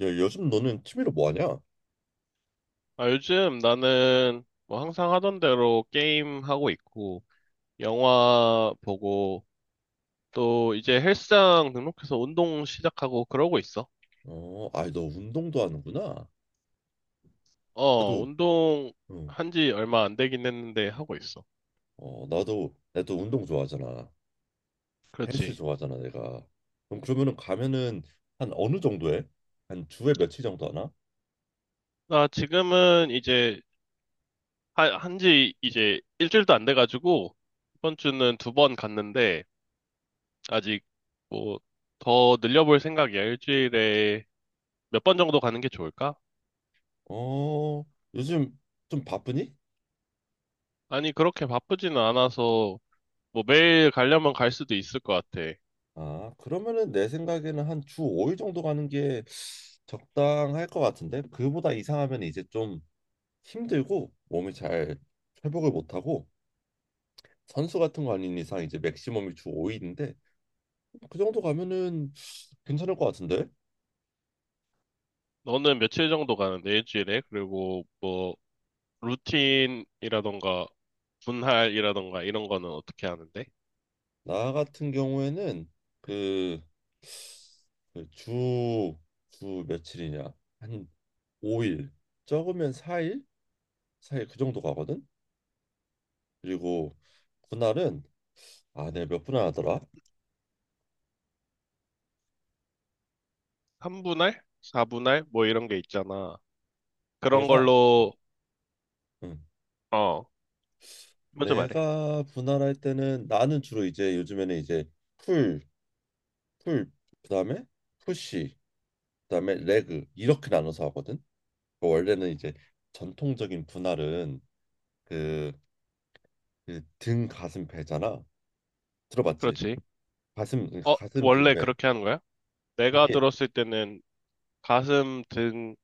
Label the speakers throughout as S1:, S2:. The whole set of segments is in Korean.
S1: 야, 요즘 너는 취미로 뭐 하냐?
S2: 아, 요즘 나는 뭐 항상 하던 대로 게임 하고 있고, 영화 보고, 또 이제 헬스장 등록해서 운동 시작하고 그러고 있어.
S1: 어, 아이 너 운동도 하는구나.
S2: 어,
S1: 나도
S2: 운동
S1: 응.
S2: 한 지 얼마 안 되긴 했는데 하고 있어.
S1: 어, 나도 운동 좋아하잖아. 헬스
S2: 그렇지.
S1: 좋아하잖아, 내가. 그럼 그러면은 가면은 한 어느 정도 해? 한 주에 며칠 정도 하나?
S2: 나 지금은 이제 한 지 이제 일주일도 안 돼가지고, 이번 주는 두 번 갔는데, 아직 뭐 더 늘려볼 생각이야. 일주일에 몇 번 정도 가는 게 좋을까?
S1: 어, 요즘 좀 바쁘니?
S2: 아니, 그렇게 바쁘지는 않아서 뭐 매일 가려면 갈 수도 있을 것 같아.
S1: 아, 그러면은 내 생각에는 한 주 5일 정도 가는 게 적당할 것 같은데. 그보다 이상하면 이제 좀 힘들고 몸이 잘 회복을 못 하고 선수 같은 거 아닌 이상 이제 맥시멈이 주 5일인데 그 정도 가면은 괜찮을 것 같은데.
S2: 너는 며칠 정도 가는데 일주일에? 그리고 뭐 루틴이라던가 분할이라던가 이런 거는 어떻게 하는데?
S1: 나 같은 경우에는 그 그 주 며칠이냐? 한 5일, 적으면 4일? 4일 그 정도 가거든? 그리고 분할은 아, 내가 몇 분할하더라?
S2: 삼분할사분할뭐 이런 게 있잖아. 그런
S1: 내가,
S2: 걸로,
S1: 응,
S2: 어, 먼저 말해.
S1: 내가 분할할 때는 나는 주로 이제 요즘에는 이제 풀, 풀, 그다음에 푸시, 그다음에 레그 이렇게 나눠서 하거든? 원래는 이제 전통적인 분할은 그 이제 등 가슴 배잖아. 들어봤지?
S2: 그렇지.
S1: 가슴 응,
S2: 어,
S1: 가슴 등
S2: 원래
S1: 배.
S2: 그렇게 하는 거야? 내가
S1: 이게
S2: 들었을 때는 가슴, 등,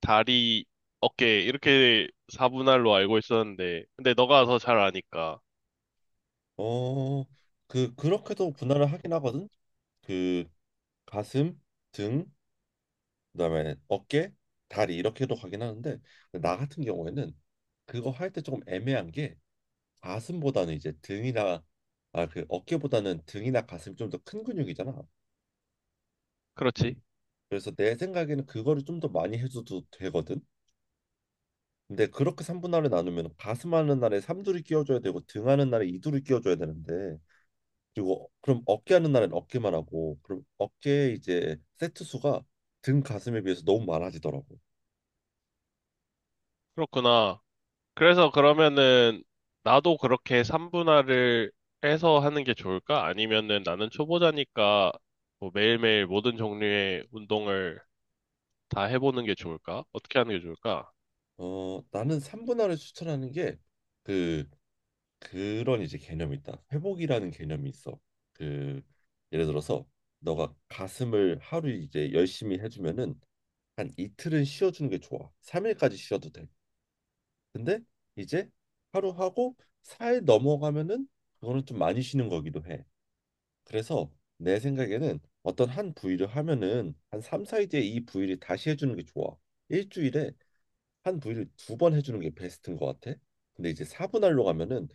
S2: 다리, 어깨, 이렇게 4분할로 알고 있었는데, 근데 너가 더 잘 아니까.
S1: 어 그 그렇게도 분할을 하긴 하거든. 그 가슴 등 그다음에 어깨 다리 이렇게도 가긴 하는데 나 같은 경우에는 그거 할 때 조금 애매한 게 가슴보다는 이제 등이나 아 그 어깨보다는 등이나 가슴이 좀 더 큰 근육이잖아.
S2: 그렇지.
S1: 그래서 내 생각에는 그거를 좀 더 많이 해줘도 되거든. 근데 그렇게 삼분할을 나누면 가슴하는 날에 삼두를 끼워줘야 되고 등하는 날에 이두를 끼워줘야 되는데 그리고 어, 그럼 어깨하는 날엔 어깨만 하고 그럼 어깨 이제 세트 수가 등 가슴에 비해서 너무 많아지더라고.
S2: 그렇구나. 그래서 그러면은 나도 그렇게 3분할을 해서 하는 게 좋을까? 아니면은 나는 초보자니까 뭐 매일매일 모든 종류의 운동을 다 해보는 게 좋을까? 어떻게 하는 게 좋을까?
S1: 어, 나는 삼분할을 추천하는 게 그 그런 이제 개념이 있다. 회복이라는 개념이 있어. 그 예를 들어서 너가 가슴을 하루 이제 열심히 해주면은 한 이틀은 쉬어주는 게 좋아. 3일까지 쉬어도 돼. 근데 이제 하루 하고 4일 넘어가면은 그거는 좀 많이 쉬는 거기도 해. 그래서 내 생각에는 어떤 한 부위를 하면은 한 3, 4일 뒤에 이 부위를 다시 해주는 게 좋아. 일주일에 한 부위를 두 번 해주는 게 베스트인 것 같아. 근데 이제 4분할로 가면은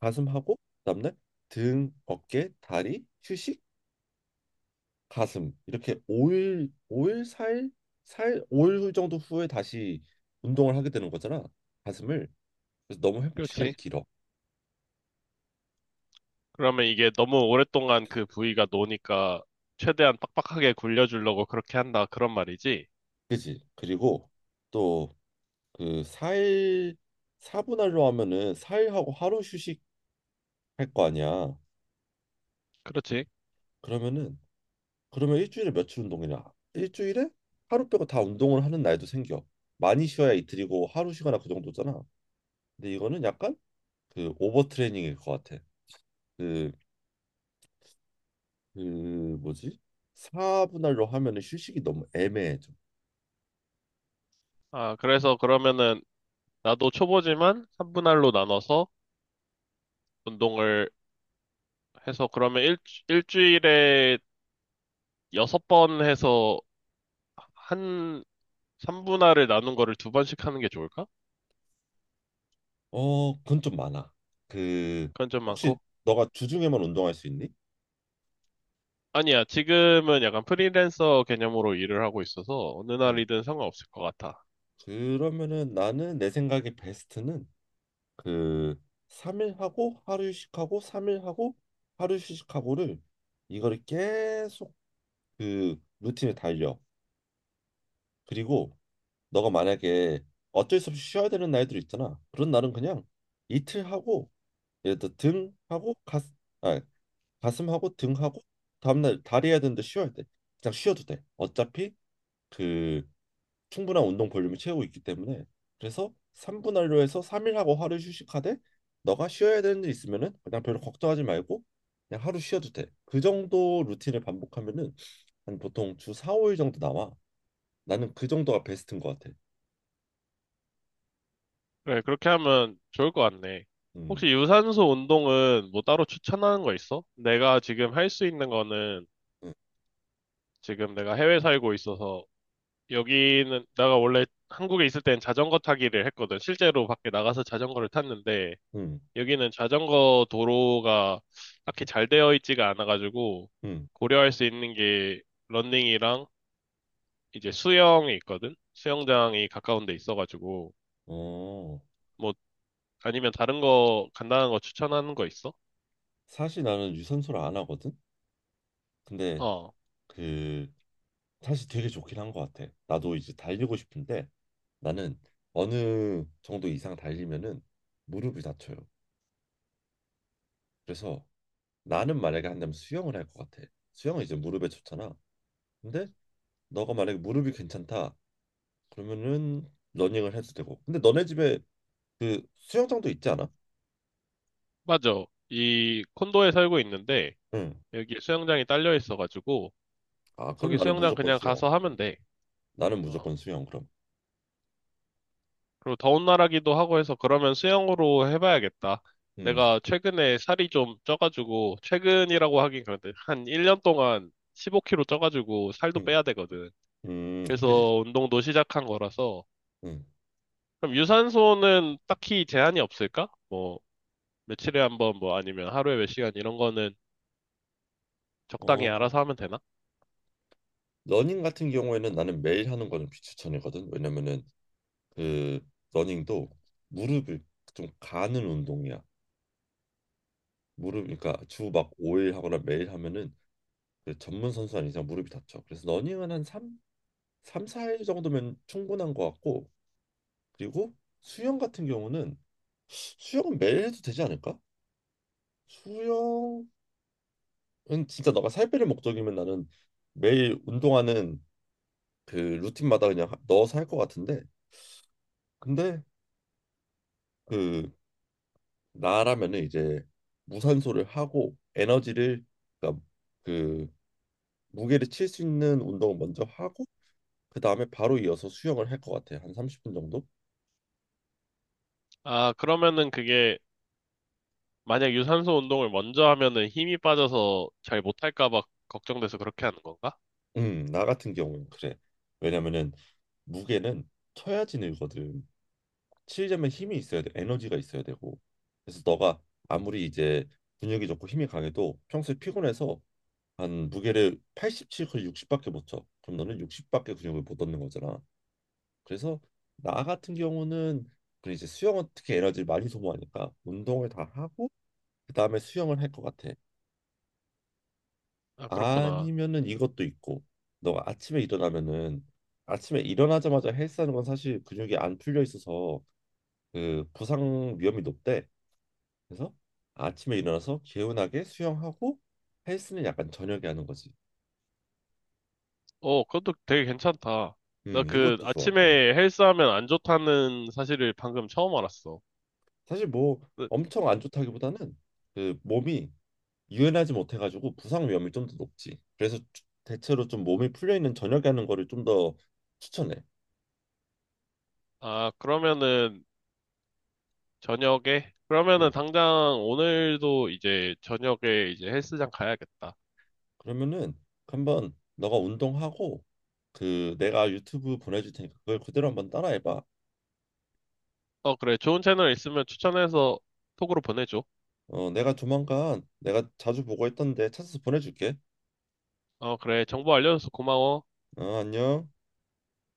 S1: 가슴하고 그다음날 등, 어깨, 다리, 휴식, 가슴 이렇게 5일, 오일 사일 4일, 5일 정도 후에 다시 운동을 하게 되는 거잖아. 가슴을. 그래서 너무 회복 시간이
S2: 그렇지.
S1: 길어.
S2: 그러면 이게 너무 오랫동안 그 부위가 노니까 최대한 빡빡하게 굴려주려고 그렇게 한다. 그런 말이지.
S1: 그지? 그리고 또 그 4일 4분할로 하면은 4일하고 하루 휴식할 거 아니야.
S2: 그렇지.
S1: 그러면은 그러면 일주일에 며칠 운동이냐? 일주일에 하루 빼고 다 운동을 하는 날도 생겨. 많이 쉬어야 이틀이고 하루 쉬거나 그 정도잖아. 근데 이거는 약간 그 오버트레이닝일 것 같아. 그, 그 뭐지? 4분할로 하면은 휴식이 너무 애매해 좀.
S2: 아, 그래서 그러면은 나도 초보지만 3분할로 나눠서 운동을 해서 그러면 일주일에 6번 해서 한 3분할을 나눈 거를 두 번씩 하는 게 좋을까?
S1: 어, 그건 좀 많아. 그
S2: 그건 좀
S1: 혹시
S2: 많고.
S1: 너가 주중에만 운동할 수 있니?
S2: 아니야, 지금은 약간 프리랜서 개념으로 일을 하고 있어서 어느
S1: 응.
S2: 날이든 상관없을 것 같아.
S1: 그러면은 나는 내 생각에 베스트는 그 3일 하고 하루 휴식하고 3일 하고 하루 휴식하고를 이거를 계속 그 루틴에 달려. 그리고 너가 만약에 어쩔 수 없이 쉬어야 되는 날들 있잖아. 그런 날은 그냥 이틀 하고 예를 들어 등 하고 가슴 아 가슴 하고 등 하고 다음날 다리 해야 되는데 쉬어야 돼. 그냥 쉬어도 돼. 어차피 그 충분한 운동 볼륨을 채우고 있기 때문에. 그래서 3분 할로해서 3일 하고 하루 휴식하되 너가 쉬어야 되는 일 있으면은 그냥 별로 걱정하지 말고 그냥 하루 쉬어도 돼. 그 정도 루틴을 반복하면은 한 보통 주 4, 5일 정도 나와. 나는 그 정도가 베스트인 것 같아.
S2: 그래, 그렇게 하면 좋을 것 같네.
S1: 음,
S2: 혹시 유산소 운동은 뭐 따로 추천하는 거 있어? 내가 지금 할 수 있는 거는
S1: 음,
S2: 지금 내가 해외 살고 있어서 여기는 내가 원래 한국에 있을 땐 자전거 타기를 했거든. 실제로 밖에 나가서 자전거를 탔는데
S1: 음,
S2: 여기는 자전거 도로가 딱히 잘 되어 있지가 않아가지고
S1: 음.
S2: 고려할 수 있는 게 러닝이랑 이제 수영이 있거든. 수영장이 가까운 데 있어가지고
S1: 어,
S2: 뭐 아니면 다른 거 간단한 거 추천하는 거 있어?
S1: 사실 나는 유산소를 안 하거든. 근데
S2: 어,
S1: 그 사실 되게 좋긴 한 것 같아. 나도 이제 달리고 싶은데 나는 어느 정도 이상 달리면은 무릎이 다쳐요. 그래서 나는 만약에 한다면 수영을 할 것 같아. 수영은 이제 무릎에 좋잖아. 근데 너가 만약에 무릎이 괜찮다 그러면은 러닝을 해도 되고. 근데 너네 집에 그 수영장도 있지 않아?
S2: 맞아. 이 콘도에 살고 있는데
S1: 응.
S2: 여기 수영장이 딸려 있어가지고
S1: 아 그럼
S2: 거기
S1: 나는
S2: 수영장
S1: 무조건
S2: 그냥
S1: 수영.
S2: 가서 하면
S1: 응.
S2: 돼.
S1: 나는
S2: 어.
S1: 무조건 수영 그럼.
S2: 그리고 더운 나라기도 하고 해서 그러면 수영으로 해봐야겠다.
S1: 응.
S2: 내가 최근에 살이 좀 쪄가지고, 최근이라고 하긴 그런데, 한 1년 동안 15kg 쪄가지고 살도
S1: 응.
S2: 빼야 되거든.
S1: 그지.
S2: 그래서 운동도 시작한 거라서.
S1: 응.
S2: 그럼 유산소는 딱히 제한이 없을까? 뭐, 며칠에 한 번, 뭐 아니면 하루에 몇 시간 이런 거는 적당히
S1: 어.
S2: 알아서 하면 되나?
S1: 러닝 같은 경우에는 나는 매일 하는 거는 비추천이거든. 왜냐면은 그 러닝도 무릎을 좀 가는 운동이야. 무릎 그러니까 주막 5일 하거나 매일 하면은 그 전문 선수 아닌 이상 무릎이 다쳐. 그래서 러닝은 한 3, 삼 4일 정도면 충분한 것 같고 그리고 수영 같은 경우는 수영은 매일 해도 되지 않을까? 수영은 진짜 너가 살 빼는 목적이면 나는 매일 운동하는 그 루틴마다 그냥 넣어서 할 것 같은데 근데 그 나라면은 이제 무산소를 하고 에너지를 그러니까 그 무게를 칠 수 있는 운동을 먼저 하고 그 다음에 바로 이어서 수영을 할 것 같아. 한 30분 정도?
S2: 아, 그러면은 그게 만약 유산소 운동을 먼저 하면은 힘이 빠져서 잘 못할까 봐 걱정돼서 그렇게 하는 건가?
S1: 나 같은 경우는 그래. 왜냐면은 무게는 쳐야지 늘거든. 치려면 힘이 있어야 돼. 에너지가 있어야 되고. 그래서 너가 아무리 이제 근육이 좋고 힘이 강해도 평소에 피곤해서 한 무게를 87, 거의 60밖에 못 쳐. 그럼 너는 60밖에 근육을 못 얻는 거잖아. 그래서 나 같은 경우는 그 이제 수영은 특히 에너지를 많이 소모하니까 운동을 다 하고 그다음에 수영을 할 것 같아.
S2: 아, 그렇구나.
S1: 아니면은 이것도 있고 너가 아침에 일어나면은 아침에 일어나자마자 헬스하는 건 사실 근육이 안 풀려 있어서 그 부상 위험이 높대. 그래서 아침에 일어나서 개운하게 수영하고 헬스는 약간 저녁에 하는 거지.
S2: 어, 그것도 되게 괜찮다. 나 그
S1: 이것도 좋아. 어.
S2: 아침에 헬스하면 안 좋다는 사실을 방금 처음 알았어.
S1: 사실 뭐
S2: 그
S1: 엄청 안 좋다기보다는 그 몸이 유연하지 못해가지고 부상 위험이 좀 더 높지. 그래서 대체로 좀 몸이 풀려 있는 저녁에 하는 거를 좀 더 추천해.
S2: 아, 그러면은 저녁에? 그러면은
S1: 음.
S2: 당장 오늘도 이제 저녁에 이제 헬스장 가야겠다.
S1: 그러면은 한번 너가 운동하고 그 내가 유튜브 보내줄 테니까 그걸 그대로 한번 따라해봐.
S2: 어, 그래. 좋은 채널 있으면 추천해서 톡으로 보내줘.
S1: 어, 내가 조만간 내가 자주 보고 했던데 찾아서 보내줄게.
S2: 어, 그래. 정보 알려줘서 고마워.
S1: 어, 안녕.